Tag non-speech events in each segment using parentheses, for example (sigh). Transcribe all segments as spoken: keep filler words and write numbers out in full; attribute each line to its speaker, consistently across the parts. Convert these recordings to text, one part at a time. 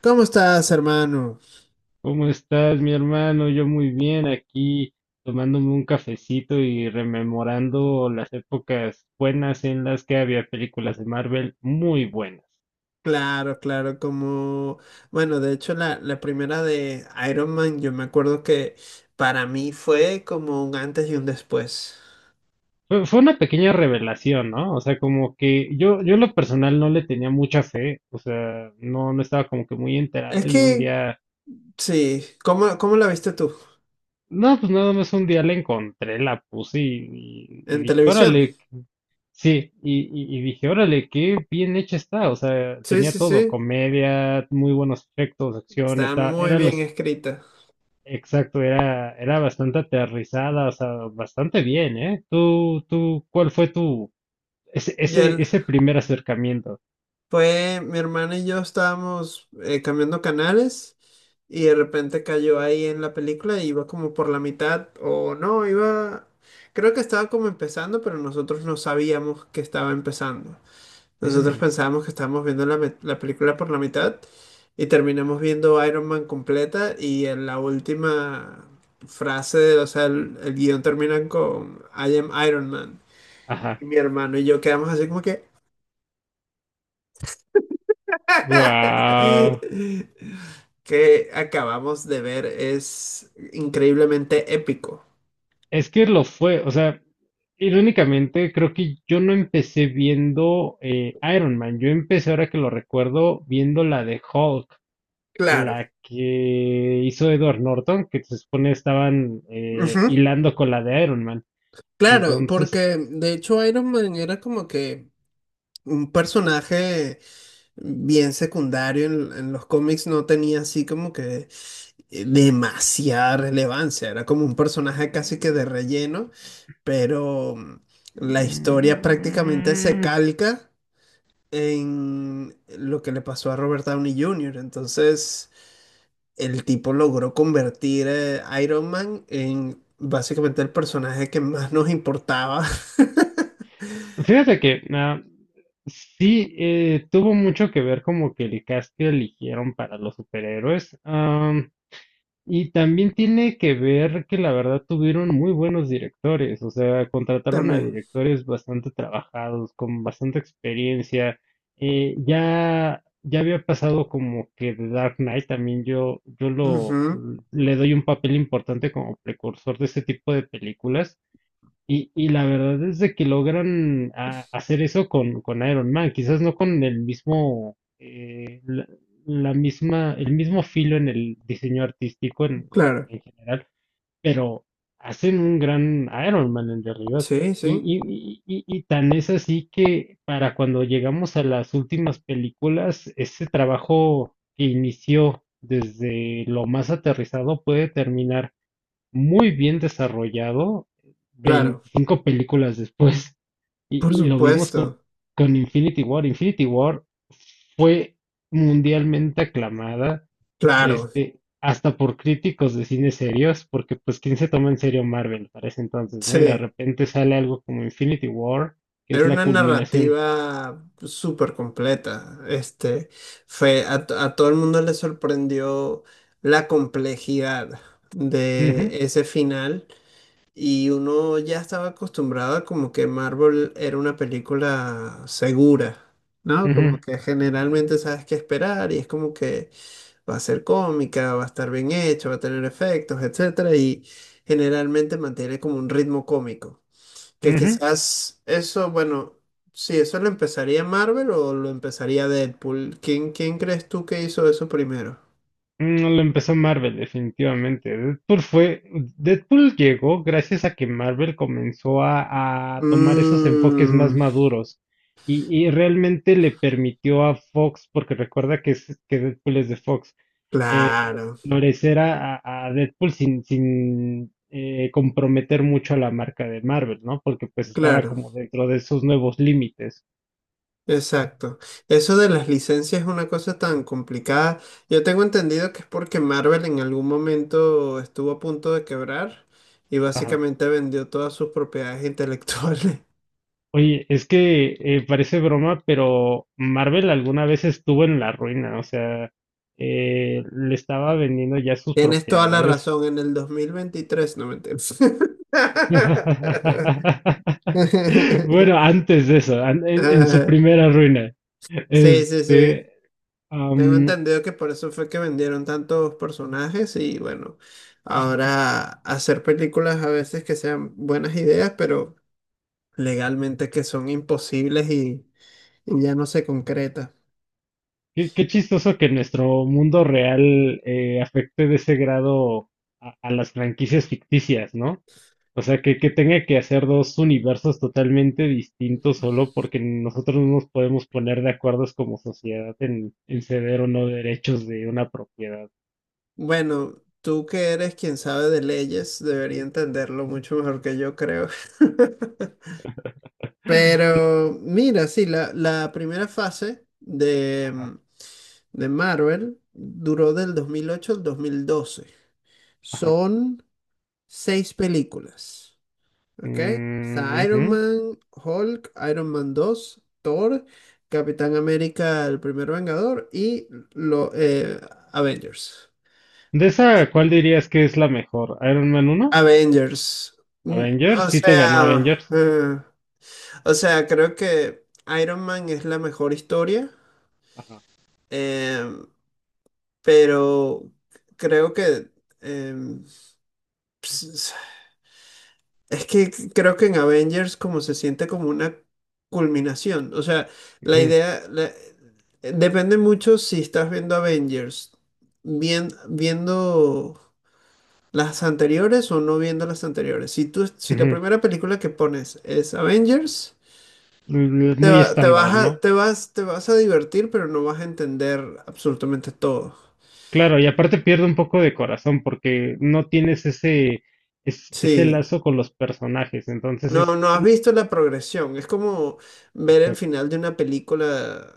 Speaker 1: ¿Cómo estás, hermano?
Speaker 2: ¿Cómo estás, mi hermano? Yo muy bien, aquí tomándome un cafecito y rememorando las épocas buenas en las que había películas de Marvel muy buenas.
Speaker 1: Claro, claro, como, bueno, de hecho la, la primera de Iron Man, yo me acuerdo que para mí fue como un antes y un después.
Speaker 2: Fue, fue una pequeña revelación, ¿no? O sea, como que yo, yo en lo personal no le tenía mucha fe, o sea, no, no estaba como que muy
Speaker 1: Es
Speaker 2: enterado y un
Speaker 1: que,
Speaker 2: día.
Speaker 1: sí, ¿cómo, cómo la viste tú?
Speaker 2: No, pues nada más un día la encontré, la puse y, y- y
Speaker 1: ¿En
Speaker 2: dije,
Speaker 1: televisión?
Speaker 2: órale, qué-, sí, y, y- y dije, órale, qué bien hecha está, o sea,
Speaker 1: Sí,
Speaker 2: tenía
Speaker 1: sí,
Speaker 2: todo,
Speaker 1: sí,
Speaker 2: comedia, muy buenos efectos, acción,
Speaker 1: está
Speaker 2: está,
Speaker 1: muy
Speaker 2: era
Speaker 1: bien
Speaker 2: los,
Speaker 1: escrita.
Speaker 2: exacto, era, era bastante aterrizada, o sea, bastante bien, ¿eh? Tú, tú, ¿cuál fue tu, ese, ese,
Speaker 1: Ya
Speaker 2: ese primer acercamiento?
Speaker 1: fue mi hermana y yo estábamos eh, cambiando canales y de repente cayó ahí en la película y iba como por la mitad o no, iba, creo que estaba como empezando, pero nosotros no sabíamos que estaba empezando. Nosotros
Speaker 2: Mm,
Speaker 1: pensábamos que estábamos viendo la, met- la película por la mitad y terminamos viendo Iron Man completa, y en la última frase, o sea, el, el guión termina con "I am Iron Man". Y
Speaker 2: ajá,
Speaker 1: mi hermano y yo quedamos así como que...
Speaker 2: guau.
Speaker 1: (laughs) que acabamos de ver es increíblemente épico.
Speaker 2: Es que lo fue, o sea, irónicamente creo que yo no empecé viendo eh, Iron Man, yo empecé ahora que lo recuerdo viendo la de Hulk,
Speaker 1: Claro.
Speaker 2: la que hizo Edward Norton, que se supone estaban eh,
Speaker 1: Ujú.
Speaker 2: hilando con la de Iron Man.
Speaker 1: Claro,
Speaker 2: Entonces,
Speaker 1: porque de hecho Iron Man era como que un personaje bien secundario en, en los cómics, no tenía así como que eh, demasiada relevancia, era como un personaje casi que de relleno, pero mm, la historia prácticamente se
Speaker 2: mm,
Speaker 1: calca en lo que le pasó a Robert Downey junior Entonces, el tipo logró convertir a Iron Man en básicamente el personaje que más nos importaba. (laughs)
Speaker 2: fíjate que ah, sí, eh, tuvo mucho que ver como que el cast que eligieron para los superhéroes. Ah, Y también tiene que ver que la verdad tuvieron muy buenos directores, o sea, contrataron a
Speaker 1: También.
Speaker 2: directores bastante trabajados, con bastante experiencia. Eh, ya, ya había pasado como que The Dark Knight también yo, yo lo
Speaker 1: Ujú.
Speaker 2: le doy un papel importante como precursor de este tipo de películas. Y, y la verdad es de que logran a- hacer eso con, con Iron Man, quizás no con el mismo, eh, la, la misma, el mismo filo en el diseño artístico en,
Speaker 1: Claro.
Speaker 2: en general, pero hacen un gran Iron Man en realidad.
Speaker 1: Sí, sí.
Speaker 2: Y, y, y, y y tan es así que para cuando llegamos a las últimas películas, ese trabajo que inició desde lo más aterrizado puede terminar muy bien desarrollado
Speaker 1: Claro.
Speaker 2: veinticinco películas después. Y,
Speaker 1: Por
Speaker 2: y lo vimos con,
Speaker 1: supuesto.
Speaker 2: con Infinity War. Infinity War fue mundialmente aclamada,
Speaker 1: Claro.
Speaker 2: este, hasta por críticos de cine serios, porque pues quién se toma en serio Marvel para ese entonces, ¿no? Y de
Speaker 1: Sí.
Speaker 2: repente sale algo como Infinity War, que es
Speaker 1: Era
Speaker 2: la
Speaker 1: una
Speaker 2: culminación.
Speaker 1: narrativa súper completa. Este, fue, a, to- a todo el mundo le sorprendió la complejidad
Speaker 2: Ujú,
Speaker 1: de ese final. Y uno ya estaba acostumbrado a como que Marvel era una película segura, ¿no?
Speaker 2: ujú,
Speaker 1: Como que generalmente sabes qué esperar y es como que va a ser cómica, va a estar bien hecho, va a tener efectos, etcétera, y generalmente mantiene como un ritmo cómico. Que
Speaker 2: ujú.
Speaker 1: quizás eso, bueno, sí, eso lo empezaría Marvel o lo empezaría Deadpool. ¿Quién, quién crees tú que hizo eso primero?
Speaker 2: Mm, no lo empezó Marvel, definitivamente. Deadpool fue, Deadpool llegó gracias a que Marvel comenzó a, a tomar esos enfoques más
Speaker 1: Mmm,
Speaker 2: maduros y, y realmente le permitió a Fox, porque recuerda que, es- que Deadpool es de Fox, eh, como que
Speaker 1: claro,
Speaker 2: florecer a, a- a Deadpool sin, sin eh, comprometer mucho a la marca de Marvel, ¿no? Porque pues estaba
Speaker 1: claro.
Speaker 2: como dentro de esos nuevos límites.
Speaker 1: Exacto. Eso de las licencias es una cosa tan complicada. Yo tengo entendido que es porque Marvel en algún momento estuvo a punto de quebrar y básicamente vendió todas sus propiedades intelectuales. (laughs)
Speaker 2: Oye, es que eh, parece broma, pero Marvel alguna vez estuvo en la ruina, o sea, eh, le estaba vendiendo ya sus
Speaker 1: Tienes toda la razón,
Speaker 2: propiedades.
Speaker 1: en el dos mil veintitrés, no me entiendes. (laughs)
Speaker 2: (laughs) Bueno, antes de eso, an- en, en su
Speaker 1: Ah,
Speaker 2: primera ruina.
Speaker 1: sí, sí, sí.
Speaker 2: Este,
Speaker 1: Tengo
Speaker 2: am,
Speaker 1: entendido que por eso fue que vendieron tantos personajes y bueno, ahora hacer películas a veces que sean buenas ideas, pero... legalmente que son imposibles y, y ya no se concreta.
Speaker 2: qué, qué chistoso que nuestro mundo real eh, afecte de ese grado a, a las franquicias ficticias, ¿no? O sea, que, que tenga que hacer dos universos totalmente distintos solo porque nosotros no nos podemos poner de acuerdos como sociedad en, en ceder o no derechos de una propiedad.
Speaker 1: Bueno, tú que eres quien sabe de leyes, debería entenderlo mucho mejor que yo, creo. (laughs) Pero mira, sí, la, la primera fase de, mm, de Marvel duró del dos mil ocho al dos mil doce.
Speaker 2: Ajá.
Speaker 1: Son seis películas. Ok,
Speaker 2: Mm,
Speaker 1: está Iron
Speaker 2: ujú.
Speaker 1: Man, Hulk, Iron Man dos, Thor, Capitán América, el primer Vengador y lo, eh, Avengers.
Speaker 2: De esa, ¿cuál dirías que es la mejor? ¿Iron Man uno?
Speaker 1: Avengers. Mm.
Speaker 2: ¿Avengers?
Speaker 1: O
Speaker 2: Sí te ganó
Speaker 1: sea,
Speaker 2: Avengers.
Speaker 1: eh, o sea, creo que Iron Man es la mejor historia,
Speaker 2: Ajá.
Speaker 1: em, pero creo que em, s- es que creo que en Avengers como se siente como una culminación. O sea, la
Speaker 2: Ujú,
Speaker 1: idea la- eh, depende mucho si estás viendo Avengers, bien, viendo las anteriores o no viendo las anteriores. Si tú, si la
Speaker 2: ujú.
Speaker 1: primera película que pones es Avengers,
Speaker 2: L-
Speaker 1: te
Speaker 2: muy
Speaker 1: va- te vas
Speaker 2: estándar,
Speaker 1: a,
Speaker 2: ¿no?
Speaker 1: te vas, te vas a divertir, pero no vas a entender absolutamente todo.
Speaker 2: Claro, y aparte pierde un poco de corazón porque no tienes ese, es- ese
Speaker 1: Sí.
Speaker 2: lazo con los personajes, entonces
Speaker 1: No,
Speaker 2: es...
Speaker 1: no has visto la progresión. Es como ver el
Speaker 2: Exacto.
Speaker 1: final de una película.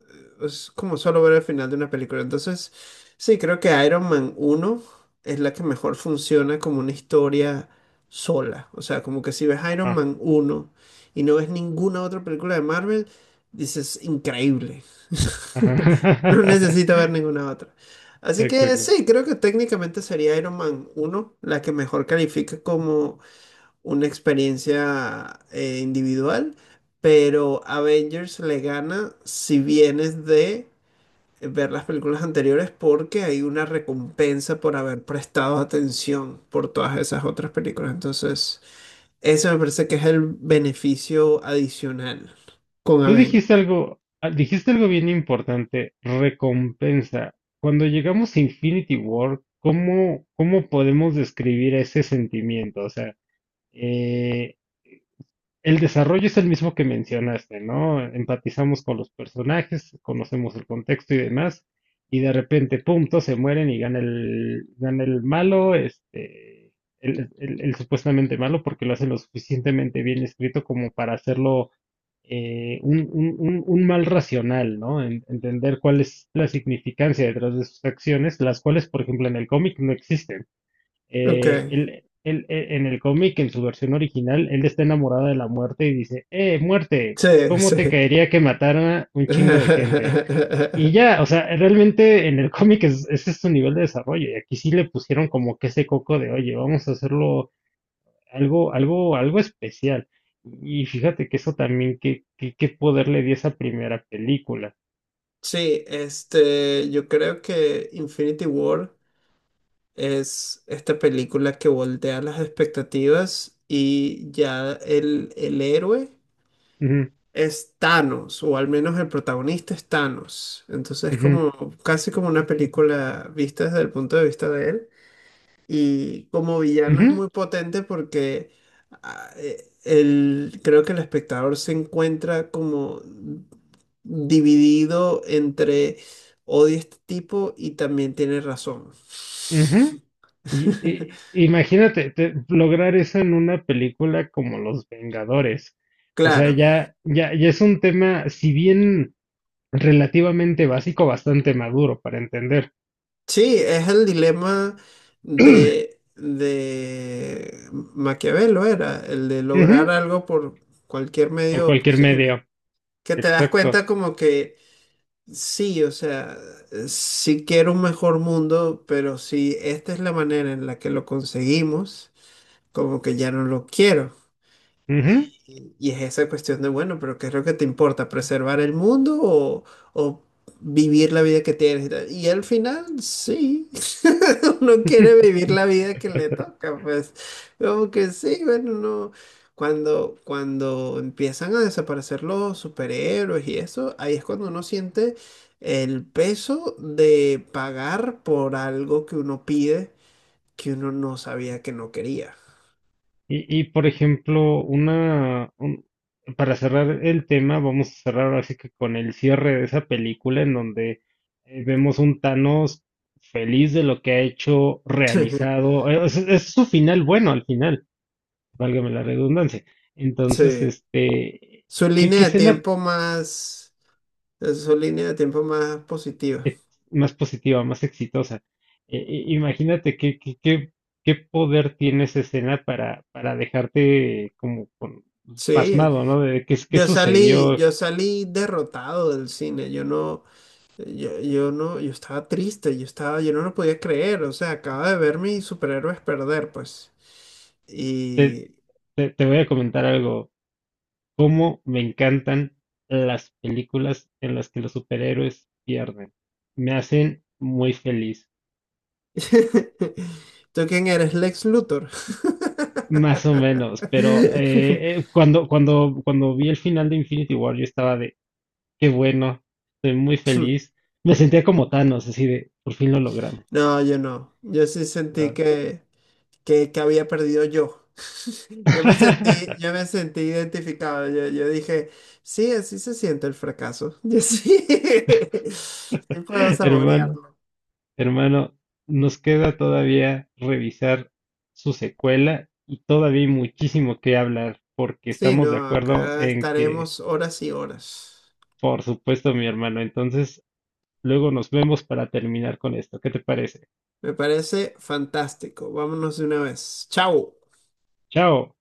Speaker 1: eh, Es como solo ver el final de una película. Entonces, sí, creo que Iron Man uno es la que mejor funciona como una historia sola. O sea, como que si ves Iron Man uno y no ves ninguna otra película de Marvel, dices, increíble. (laughs) No
Speaker 2: Ajá. (laughs)
Speaker 1: necesito ver ninguna otra. Así que
Speaker 2: Exacto.
Speaker 1: sí, creo que técnicamente sería Iron Man uno la que mejor califica como una experiencia eh, individual, pero Avengers le gana si vienes de ver las películas anteriores, porque hay una recompensa por haber prestado atención por todas esas otras películas. Entonces, eso me parece que es el beneficio adicional con
Speaker 2: Tú
Speaker 1: Avengers.
Speaker 2: dijiste algo, ah, dijiste algo bien importante, recompensa. Cuando llegamos a Infinity War, ¿cómo, ¿cómo podemos describir ese sentimiento? O sea, eh, el desarrollo es el mismo que mencionaste, ¿no? Empatizamos con los personajes, conocemos el contexto y demás, y de repente, pum, todos se mueren y gana el, gana el malo, este, el, el- el supuestamente malo, porque lo hace lo suficientemente bien escrito como para hacerlo eh, un, un- un- un mal racional, ¿no? En- entender cuál es la significancia detrás de sus acciones, las cuales, por ejemplo, en el cómic no existen
Speaker 1: Ok,
Speaker 2: eh, él, él- él- en el cómic, en su versión original, él está enamorado de la muerte y dice, eh, muerte,
Speaker 1: sí,
Speaker 2: ¿cómo te
Speaker 1: sí.
Speaker 2: caería que matara un chingo de gente? Y
Speaker 1: (laughs)
Speaker 2: ya, o sea, realmente en el cómic es, ese es su nivel de desarrollo y aquí sí le pusieron como que ese coco de, oye, vamos a hacerlo algo, algo, algo especial. Y fíjate que eso también, qué, qué, qué poder le dio esa primera película.
Speaker 1: Sí, este, yo creo que Infinity War es esta película que voltea las expectativas y ya el, el héroe
Speaker 2: Ujú,
Speaker 1: es Thanos, o al menos el protagonista es Thanos. Entonces es
Speaker 2: ujú,
Speaker 1: como casi como una película vista desde el punto de vista de él. Y como villano es muy potente porque ah, eh, el, creo que el espectador se encuentra como dividido entre odio a este tipo y también tiene razón.
Speaker 2: ujú, ujú. Y, y-
Speaker 1: (laughs)
Speaker 2: imagínate te- lograr eso en una película como Los Vengadores. O sea,
Speaker 1: Claro,
Speaker 2: ya, ya, ya es un tema, si bien relativamente básico, bastante maduro para entender.
Speaker 1: sí, es el dilema de, de Maquiavelo, era el de
Speaker 2: Ujú,
Speaker 1: lograr algo por cualquier
Speaker 2: por
Speaker 1: medio
Speaker 2: cualquier
Speaker 1: posible.
Speaker 2: medio.
Speaker 1: Que te das
Speaker 2: Exacto.
Speaker 1: cuenta como que sí, o sea, sí quiero un mejor mundo, pero si esta es la manera en la que lo conseguimos, como que ya no lo quiero.
Speaker 2: Ujú.
Speaker 1: Y y es esa cuestión de, bueno, pero ¿qué es lo que te importa? ¿Preservar el mundo o, o vivir la vida que tienes? ¿Y tal? Y al final, sí, (laughs) uno quiere vivir la vida que le toca, pues como que sí, bueno, no. Cuando, cuando empiezan a desaparecer los superhéroes y eso, ahí es cuando uno siente el peso de pagar por algo que uno pide, que uno no sabía que no quería.
Speaker 2: Y, y, por ejemplo, una, un- para cerrar el tema, vamos a cerrar ahora sí que con el cierre de esa película en donde eh, vemos un Thanos feliz de lo que ha hecho,
Speaker 1: (laughs)
Speaker 2: realizado. eh, Es, es su final bueno al final, válgame la redundancia. Entonces,
Speaker 1: Sí.
Speaker 2: este,
Speaker 1: Su
Speaker 2: ¿qué,
Speaker 1: línea
Speaker 2: qué
Speaker 1: de
Speaker 2: escena
Speaker 1: tiempo más, eh, su línea de tiempo más positiva.
Speaker 2: ex- más positiva, más exitosa. Eh, eh, imagínate qué, qué, qué, qué poder tiene esa escena para, para dejarte como con-
Speaker 1: Sí,
Speaker 2: pasmado, ¿no? De qué, qué
Speaker 1: yo salí,
Speaker 2: sucedió.
Speaker 1: yo salí derrotado del cine. Yo no, yo, yo no, yo estaba triste, yo estaba, yo no lo podía creer. O sea, acaba de ver mis superhéroes perder, pues.
Speaker 2: Te,
Speaker 1: Y
Speaker 2: te, te voy a comentar algo. Cómo me encantan las películas en las que los superhéroes pierden. Me hacen muy feliz.
Speaker 1: (laughs) ¿tú quién eres? ¿Lex Luthor? (laughs)
Speaker 2: Más o menos, pero eh, eh, cuando, cuando, cuando vi el final de Infinity War, yo estaba de, qué bueno, estoy muy feliz. Me sentía como Thanos, así de, por fin lo logramos.
Speaker 1: No, yo no. Yo sí sentí
Speaker 2: Ah.
Speaker 1: que que, que había perdido yo. (laughs) Yo me sentí,
Speaker 2: (laughs)
Speaker 1: yo me sentí identificado. Yo, yo dije, sí, así se siente el fracaso. (laughs) Yo sí, sí puedo
Speaker 2: Hermano,
Speaker 1: saborearlo.
Speaker 2: hermano, nos queda todavía revisar su secuela y todavía hay muchísimo que hablar, porque
Speaker 1: Sí,
Speaker 2: estamos de
Speaker 1: no,
Speaker 2: acuerdo
Speaker 1: acá
Speaker 2: en que,
Speaker 1: estaremos horas y horas.
Speaker 2: por supuesto, mi hermano, entonces luego nos vemos para terminar con esto. ¿Qué te parece?
Speaker 1: Me parece fantástico. Vámonos de una vez. Chao.
Speaker 2: Chao.